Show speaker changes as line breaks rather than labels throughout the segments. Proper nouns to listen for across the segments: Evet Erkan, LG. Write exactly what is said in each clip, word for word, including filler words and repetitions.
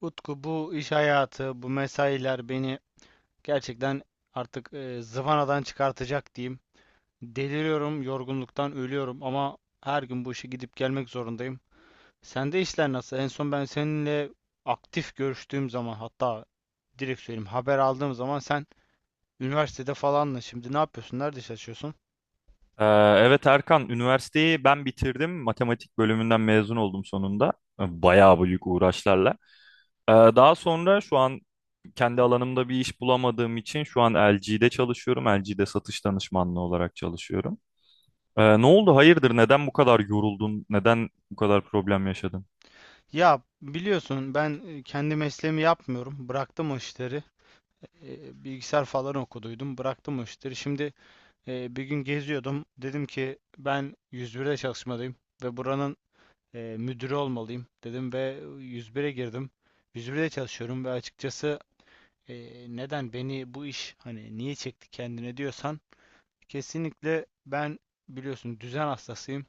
Utku, bu iş hayatı, bu mesailer beni gerçekten artık e, zıvanadan çıkartacak diyeyim. Deliriyorum, yorgunluktan ölüyorum ama her gün bu işe gidip gelmek zorundayım. Sende işler nasıl? En son ben seninle aktif görüştüğüm zaman, hatta direkt söyleyeyim, haber aldığım zaman sen üniversitede falanla. Şimdi ne yapıyorsun? Nerede çalışıyorsun?
Ee, Evet Erkan, üniversiteyi ben bitirdim. Matematik bölümünden mezun oldum sonunda. Bayağı büyük uğraşlarla. Ee, Daha sonra şu an kendi alanımda bir iş bulamadığım için şu an L G'de çalışıyorum. L G'de satış danışmanlığı olarak çalışıyorum. Ee, Ne oldu? Hayırdır? Neden bu kadar yoruldun? Neden bu kadar problem yaşadın?
Ya biliyorsun, ben e, kendi mesleğimi yapmıyorum. Bıraktım o işleri. E, bilgisayar falan okuduydum. Bıraktım o işleri. Şimdi Ee, bir gün geziyordum. Dedim ki ben yüz birde çalışmalıyım ve buranın e, müdürü olmalıyım, dedim ve yüz bire girdim. yüz birde çalışıyorum ve açıkçası, e, neden beni bu iş, hani niye çekti kendine diyorsan, kesinlikle ben, biliyorsun, düzen hastasıyım.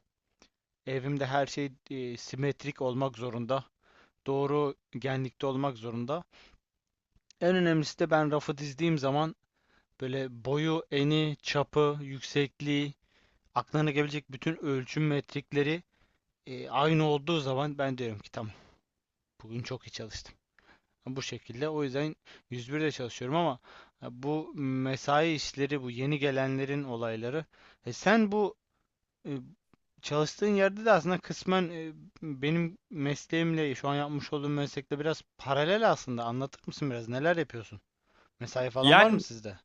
Evimde her şey e, simetrik olmak zorunda. Doğru genlikte olmak zorunda. En önemlisi de ben rafı dizdiğim zaman böyle boyu, eni, çapı, yüksekliği, aklına gelebilecek bütün ölçüm metrikleri e, aynı olduğu zaman ben diyorum ki tamam, bugün çok iyi çalıştım. Bu şekilde, o yüzden yüz birde çalışıyorum ama e, bu mesai işleri bu yeni gelenlerin olayları. E, sen bu e, çalıştığın yerde de aslında kısmen e, benim mesleğimle, şu an yapmış olduğum meslekle biraz paralel aslında. Anlatır mısın biraz neler yapıyorsun? Mesai falan var mı
Yani
sizde?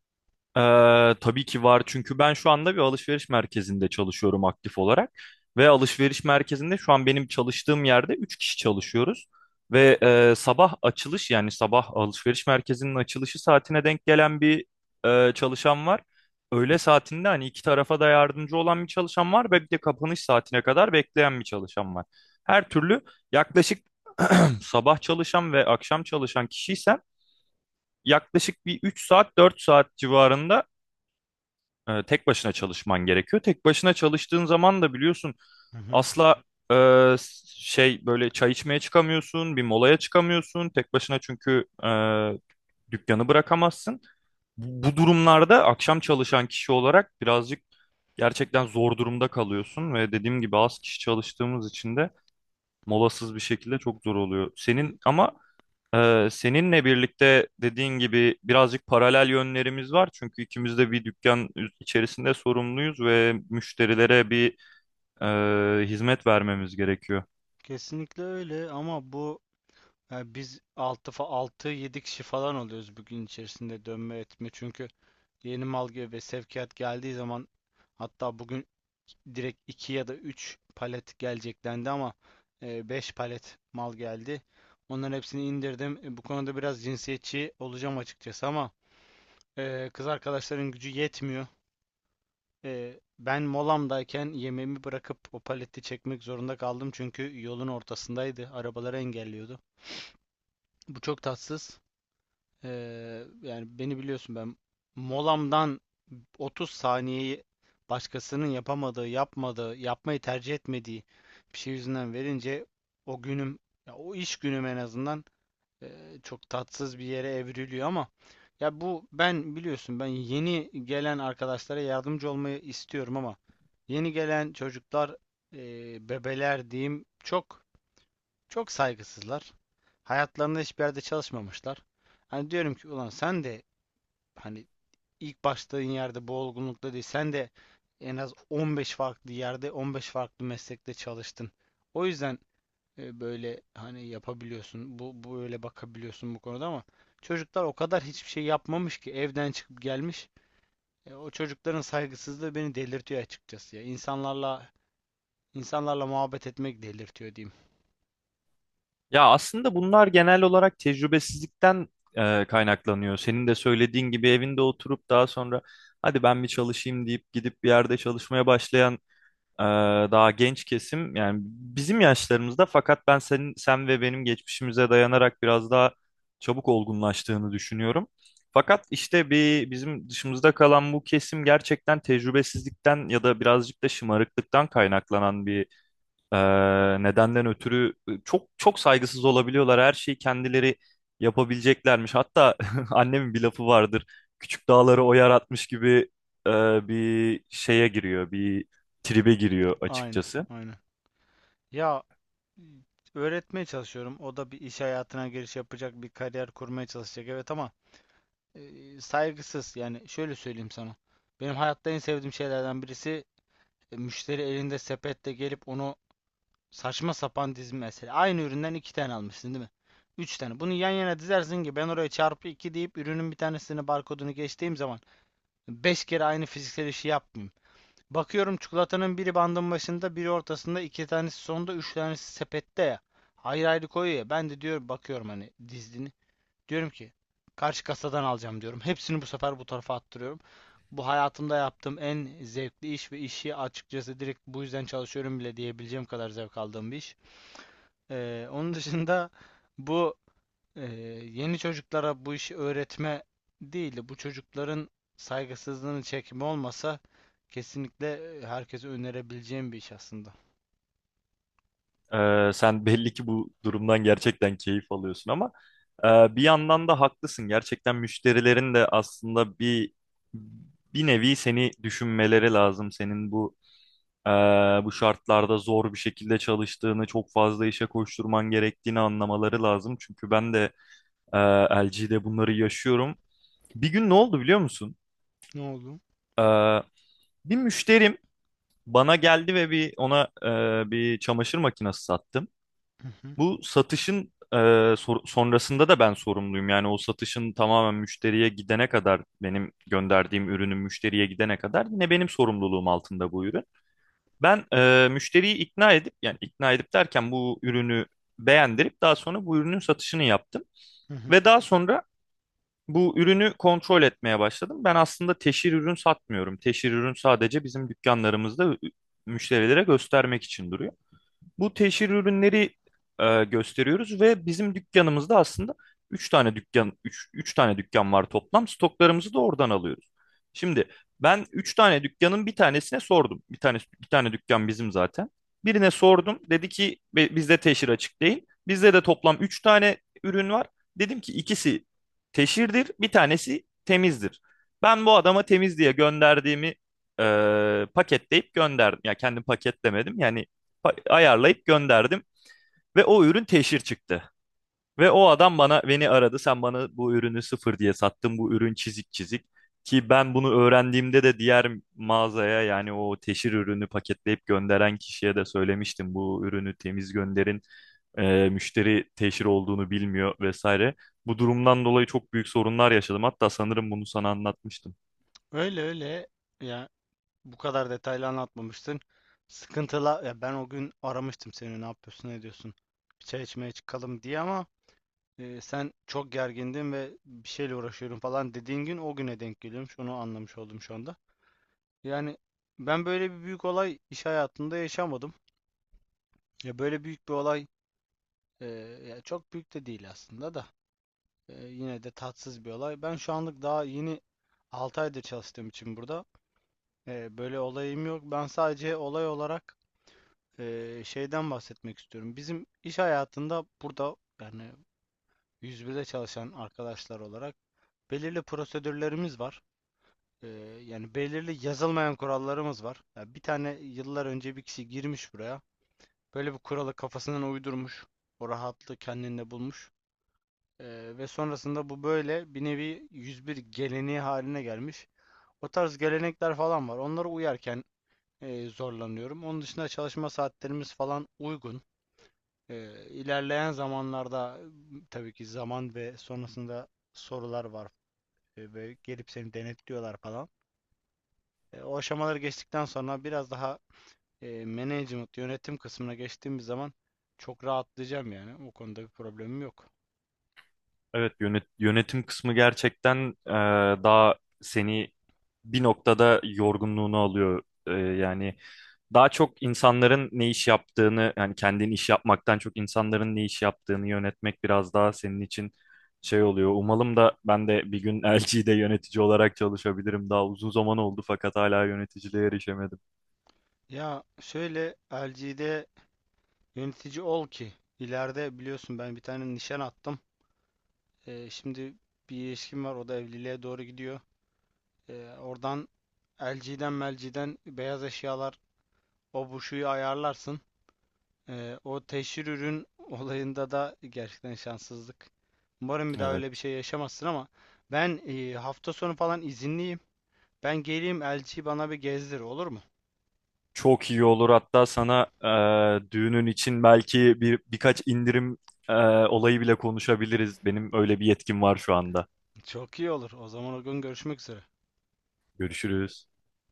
Ee, tabii ki var çünkü ben şu anda bir alışveriş merkezinde çalışıyorum aktif olarak ve alışveriş merkezinde şu an benim çalıştığım yerde üç kişi çalışıyoruz ve e, sabah açılış yani sabah alışveriş merkezinin açılışı saatine denk gelen bir e, çalışan var. Öğle saatinde hani iki tarafa da yardımcı olan bir çalışan var ve bir de kapanış saatine kadar bekleyen bir çalışan var. Her türlü yaklaşık sabah çalışan ve akşam çalışan kişiysem yaklaşık bir üç saat dört saat civarında e, tek başına çalışman gerekiyor. Tek başına çalıştığın zaman da biliyorsun
Hı hı.
asla e, şey böyle çay içmeye çıkamıyorsun, bir molaya çıkamıyorsun. Tek başına çünkü e, dükkanı bırakamazsın. Bu, bu durumlarda akşam çalışan kişi olarak birazcık gerçekten zor durumda kalıyorsun ve dediğim gibi az kişi çalıştığımız için de molasız bir şekilde çok zor oluyor. Senin
E,
ama ee, seninle birlikte dediğin gibi birazcık paralel yönlerimiz var. Çünkü ikimiz de bir dükkan içerisinde sorumluyuz ve müşterilere bir e, hizmet vermemiz gerekiyor.
Kesinlikle öyle ama bu, yani biz altı, altı, yedi kişi falan oluyoruz bugün içerisinde, dönme etme. Çünkü yeni mal ge- ve sevkiyat geldiği zaman, hatta bugün direkt iki ya da üç palet gelecek dendi ama e, beş palet mal geldi. Onların hepsini indirdim. E, Bu konuda biraz cinsiyetçi olacağım açıkçası ama e, kız arkadaşların gücü yetmiyor. E, ben molamdayken yemeğimi bırakıp o paleti çekmek zorunda kaldım çünkü yolun ortasındaydı. Arabaları engelliyordu. Bu çok tatsız. Ee, yani beni biliyorsun, ben molamdan otuz saniyeyi başkasının yapamadığı, yapmadığı, yapmayı tercih etmediği bir şey yüzünden verince, o günüm, ya o iş günüm en azından e, çok tatsız bir yere evriliyor. Ama ya, bu ben biliyorsun, ben yeni gelen arkadaşlara yardımcı olmayı istiyorum ama yeni gelen çocuklar, e, bebeler diyeyim, çok çok saygısızlar. Hayatlarında hiçbir yerde çalışmamışlar. Hani diyorum ki ulan, sen de, hani, ilk başladığın yerde bu olgunlukta değil. Sen de en az on beş farklı yerde, on beş farklı meslekte çalıştın. O yüzden e, böyle, hani, yapabiliyorsun. Bu, bu böyle bakabiliyorsun bu konuda, ama çocuklar o kadar hiçbir şey yapmamış ki evden çıkıp gelmiş. E, o çocukların saygısızlığı beni delirtiyor açıkçası ya. İnsanlarla insanlarla muhabbet etmek delirtiyor diyeyim.
Ya aslında bunlar genel olarak tecrübesizlikten e, kaynaklanıyor. Senin de söylediğin gibi evinde oturup daha sonra hadi ben bir çalışayım deyip gidip bir yerde çalışmaya başlayan Ee, daha genç kesim yani bizim yaşlarımızda fakat ben senin sen ve benim geçmişimize dayanarak biraz daha çabuk olgunlaştığını düşünüyorum. Fakat işte bir bizim dışımızda kalan bu kesim gerçekten tecrübesizlikten ya da birazcık da şımarıklıktan kaynaklanan bir ee, nedenden ötürü çok çok saygısız olabiliyorlar. Her şeyi kendileri yapabileceklermiş. Hatta annemin bir lafı vardır. Küçük dağları o yaratmış gibi e, bir şeye giriyor, bir tribe giriyor
Aynen,
açıkçası.
aynen. Ya. Hmm. Öğretmeye çalışıyorum. O da bir iş hayatına giriş yapacak, bir kariyer kurmaya çalışacak. Evet ama e, saygısız. Yani şöyle söyleyeyim sana. Benim hayatta en sevdiğim şeylerden birisi e, müşteri elinde sepetle gelip onu saçma sapan dizme mesela. Aynı üründen iki tane almışsın değil mi? Üç tane. Bunu yan yana dizersin ki ben oraya çarpı iki deyip ürünün bir tanesini, barkodunu geçtiğim zaman beş kere aynı fiziksel işi yapmayayım. Bakıyorum çikolatanın biri bandın başında, biri ortasında, iki tanesi sonda, üç tanesi sepette ya. Ayrı ayrı koyuyor ya. Ben de diyorum, bakıyorum hani dizdiğini. Diyorum ki karşı kasadan alacağım, diyorum. Hepsini bu sefer bu tarafa attırıyorum. Bu, hayatımda yaptığım en zevkli iş ve işi, açıkçası direkt bu yüzden çalışıyorum bile diyebileceğim kadar zevk aldığım bir iş. Ee, onun dışında, bu, ee, yeni çocuklara bu işi öğretme değil de bu çocukların saygısızlığını çekme olmasa, kesinlikle e, herkese önerebileceğim bir iş aslında.
Ee, sen belli ki bu durumdan gerçekten keyif alıyorsun ama e, bir yandan da haklısın. Gerçekten müşterilerin de aslında bir bir nevi seni düşünmeleri lazım. Senin bu e, bu şartlarda zor bir şekilde çalıştığını, çok fazla işe koşturman gerektiğini anlamaları lazım. Çünkü ben de e, L G'de bunları yaşıyorum. Bir gün ne oldu biliyor musun?
Ne oldu?
E, Bir müşterim bana geldi ve bir ona e, bir çamaşır makinesi sattım.
Hı hı,
Bu satışın e, sor- sonrasında da ben sorumluyum. Yani o satışın tamamen müşteriye gidene kadar benim gönderdiğim ürünün müşteriye gidene kadar yine benim sorumluluğum altında bu ürün. Ben e, müşteriyi ikna edip yani ikna edip derken bu ürünü beğendirip daha sonra bu ürünün satışını yaptım.
hı hı.
Ve daha sonra bu ürünü kontrol etmeye başladım. Ben aslında teşhir ürün satmıyorum. Teşhir ürün sadece bizim dükkanlarımızda ü- müşterilere göstermek için duruyor bu teşhir ürünleri e, gösteriyoruz ve bizim dükkanımızda aslında üç tane dükkan üç üç tane dükkan var toplam. Stoklarımızı da oradan alıyoruz. Şimdi ben üç tane dükkanın bir tanesine sordum. Bir tane bir tane dükkan bizim zaten. Birine sordum. Dedi ki "Be- bizde teşhir açık değil. Bizde de toplam üç tane ürün var. Dedim ki ikisi teşhirdir, bir tanesi temizdir. Ben bu adama temiz diye gönderdiğimi e, paketleyip gönderdim. Ya kendim paketlemedim. Yani pa- ayarlayıp gönderdim ve o ürün teşhir çıktı. Ve o adam bana beni aradı. Sen bana bu ürünü sıfır diye sattın. Bu ürün çizik çizik. Ki ben bunu öğrendiğimde de diğer mağazaya yani o teşhir ürünü paketleyip gönderen kişiye de söylemiştim. Bu ürünü temiz gönderin. Ee, müşteri teşhir olduğunu bilmiyor vesaire. Bu durumdan dolayı çok büyük sorunlar yaşadım. Hatta sanırım bunu sana anlatmıştım.
Öyle öyle. Ya, bu kadar detaylı anlatmamıştın. Sıkıntıla, ya ben o gün aramıştım seni, ne yapıyorsun, ne ediyorsun, bir çay içmeye çıkalım diye, ama e, sen çok gergindin ve bir şeyle uğraşıyorum falan dediğin gün, o güne denk geliyormuş, onu anlamış oldum şu anda. Yani ben böyle bir büyük olay iş hayatında yaşamadım. Ya böyle büyük bir olay, e, ya çok büyük de değil aslında da e, yine de tatsız bir olay. Ben şu anlık, daha yeni altı aydır çalıştığım için burada, e, böyle olayım yok. Ben sadece olay olarak e, şeyden bahsetmek istiyorum. Bizim iş hayatında burada, yani yüz birde çalışan arkadaşlar olarak, belirli prosedürlerimiz var. E, yani belirli yazılmayan kurallarımız var. Ya bir tane yıllar önce bir kişi girmiş buraya. Böyle bir kuralı kafasından uydurmuş. O rahatlığı kendinde bulmuş. Ee, ve sonrasında bu böyle bir nevi yüz bir geleneği haline gelmiş. O tarz gelenekler falan var. Onlara uyarken e, zorlanıyorum. Onun dışında çalışma saatlerimiz falan uygun. Ee, ilerleyen zamanlarda tabii ki zaman ve sonrasında sorular var. Ee, ve gelip seni denetliyorlar falan. E, o aşamaları geçtikten sonra biraz daha e, management, yönetim kısmına geçtiğimiz zaman çok rahatlayacağım yani. O konuda bir problemim yok.
Evet, yönet- yönetim kısmı gerçekten e, daha seni bir noktada yorgunluğunu alıyor. E, yani daha çok insanların ne iş yaptığını yani kendin iş yapmaktan çok insanların ne iş yaptığını yönetmek biraz daha senin için şey oluyor. Umalım da ben de bir gün L G'de yönetici olarak çalışabilirim. Daha uzun zaman oldu fakat hala yöneticiliğe erişemedim.
Ya şöyle, L G'de yönetici ol ki ileride, biliyorsun, ben bir tane nişan attım. E, şimdi bir ilişkim var, o da evliliğe doğru gidiyor. E, oradan, L G'den, melciden beyaz eşyalar, o bu, şuyu ayarlarsın. E, o teşhir ürün olayında da gerçekten şanssızlık. Umarım bir daha öyle bir
Evet.
şey yaşamazsın ama ben e, hafta sonu falan izinliyim. Ben geleyim, elçiyi bana bir gezdir, olur mu?
Çok iyi olur. Hatta sana e, düğünün için belki bir birkaç indirim e, olayı bile konuşabiliriz. Benim öyle bir yetkim var şu anda.
Çok iyi olur. O zaman o gün görüşmek üzere.
Görüşürüz.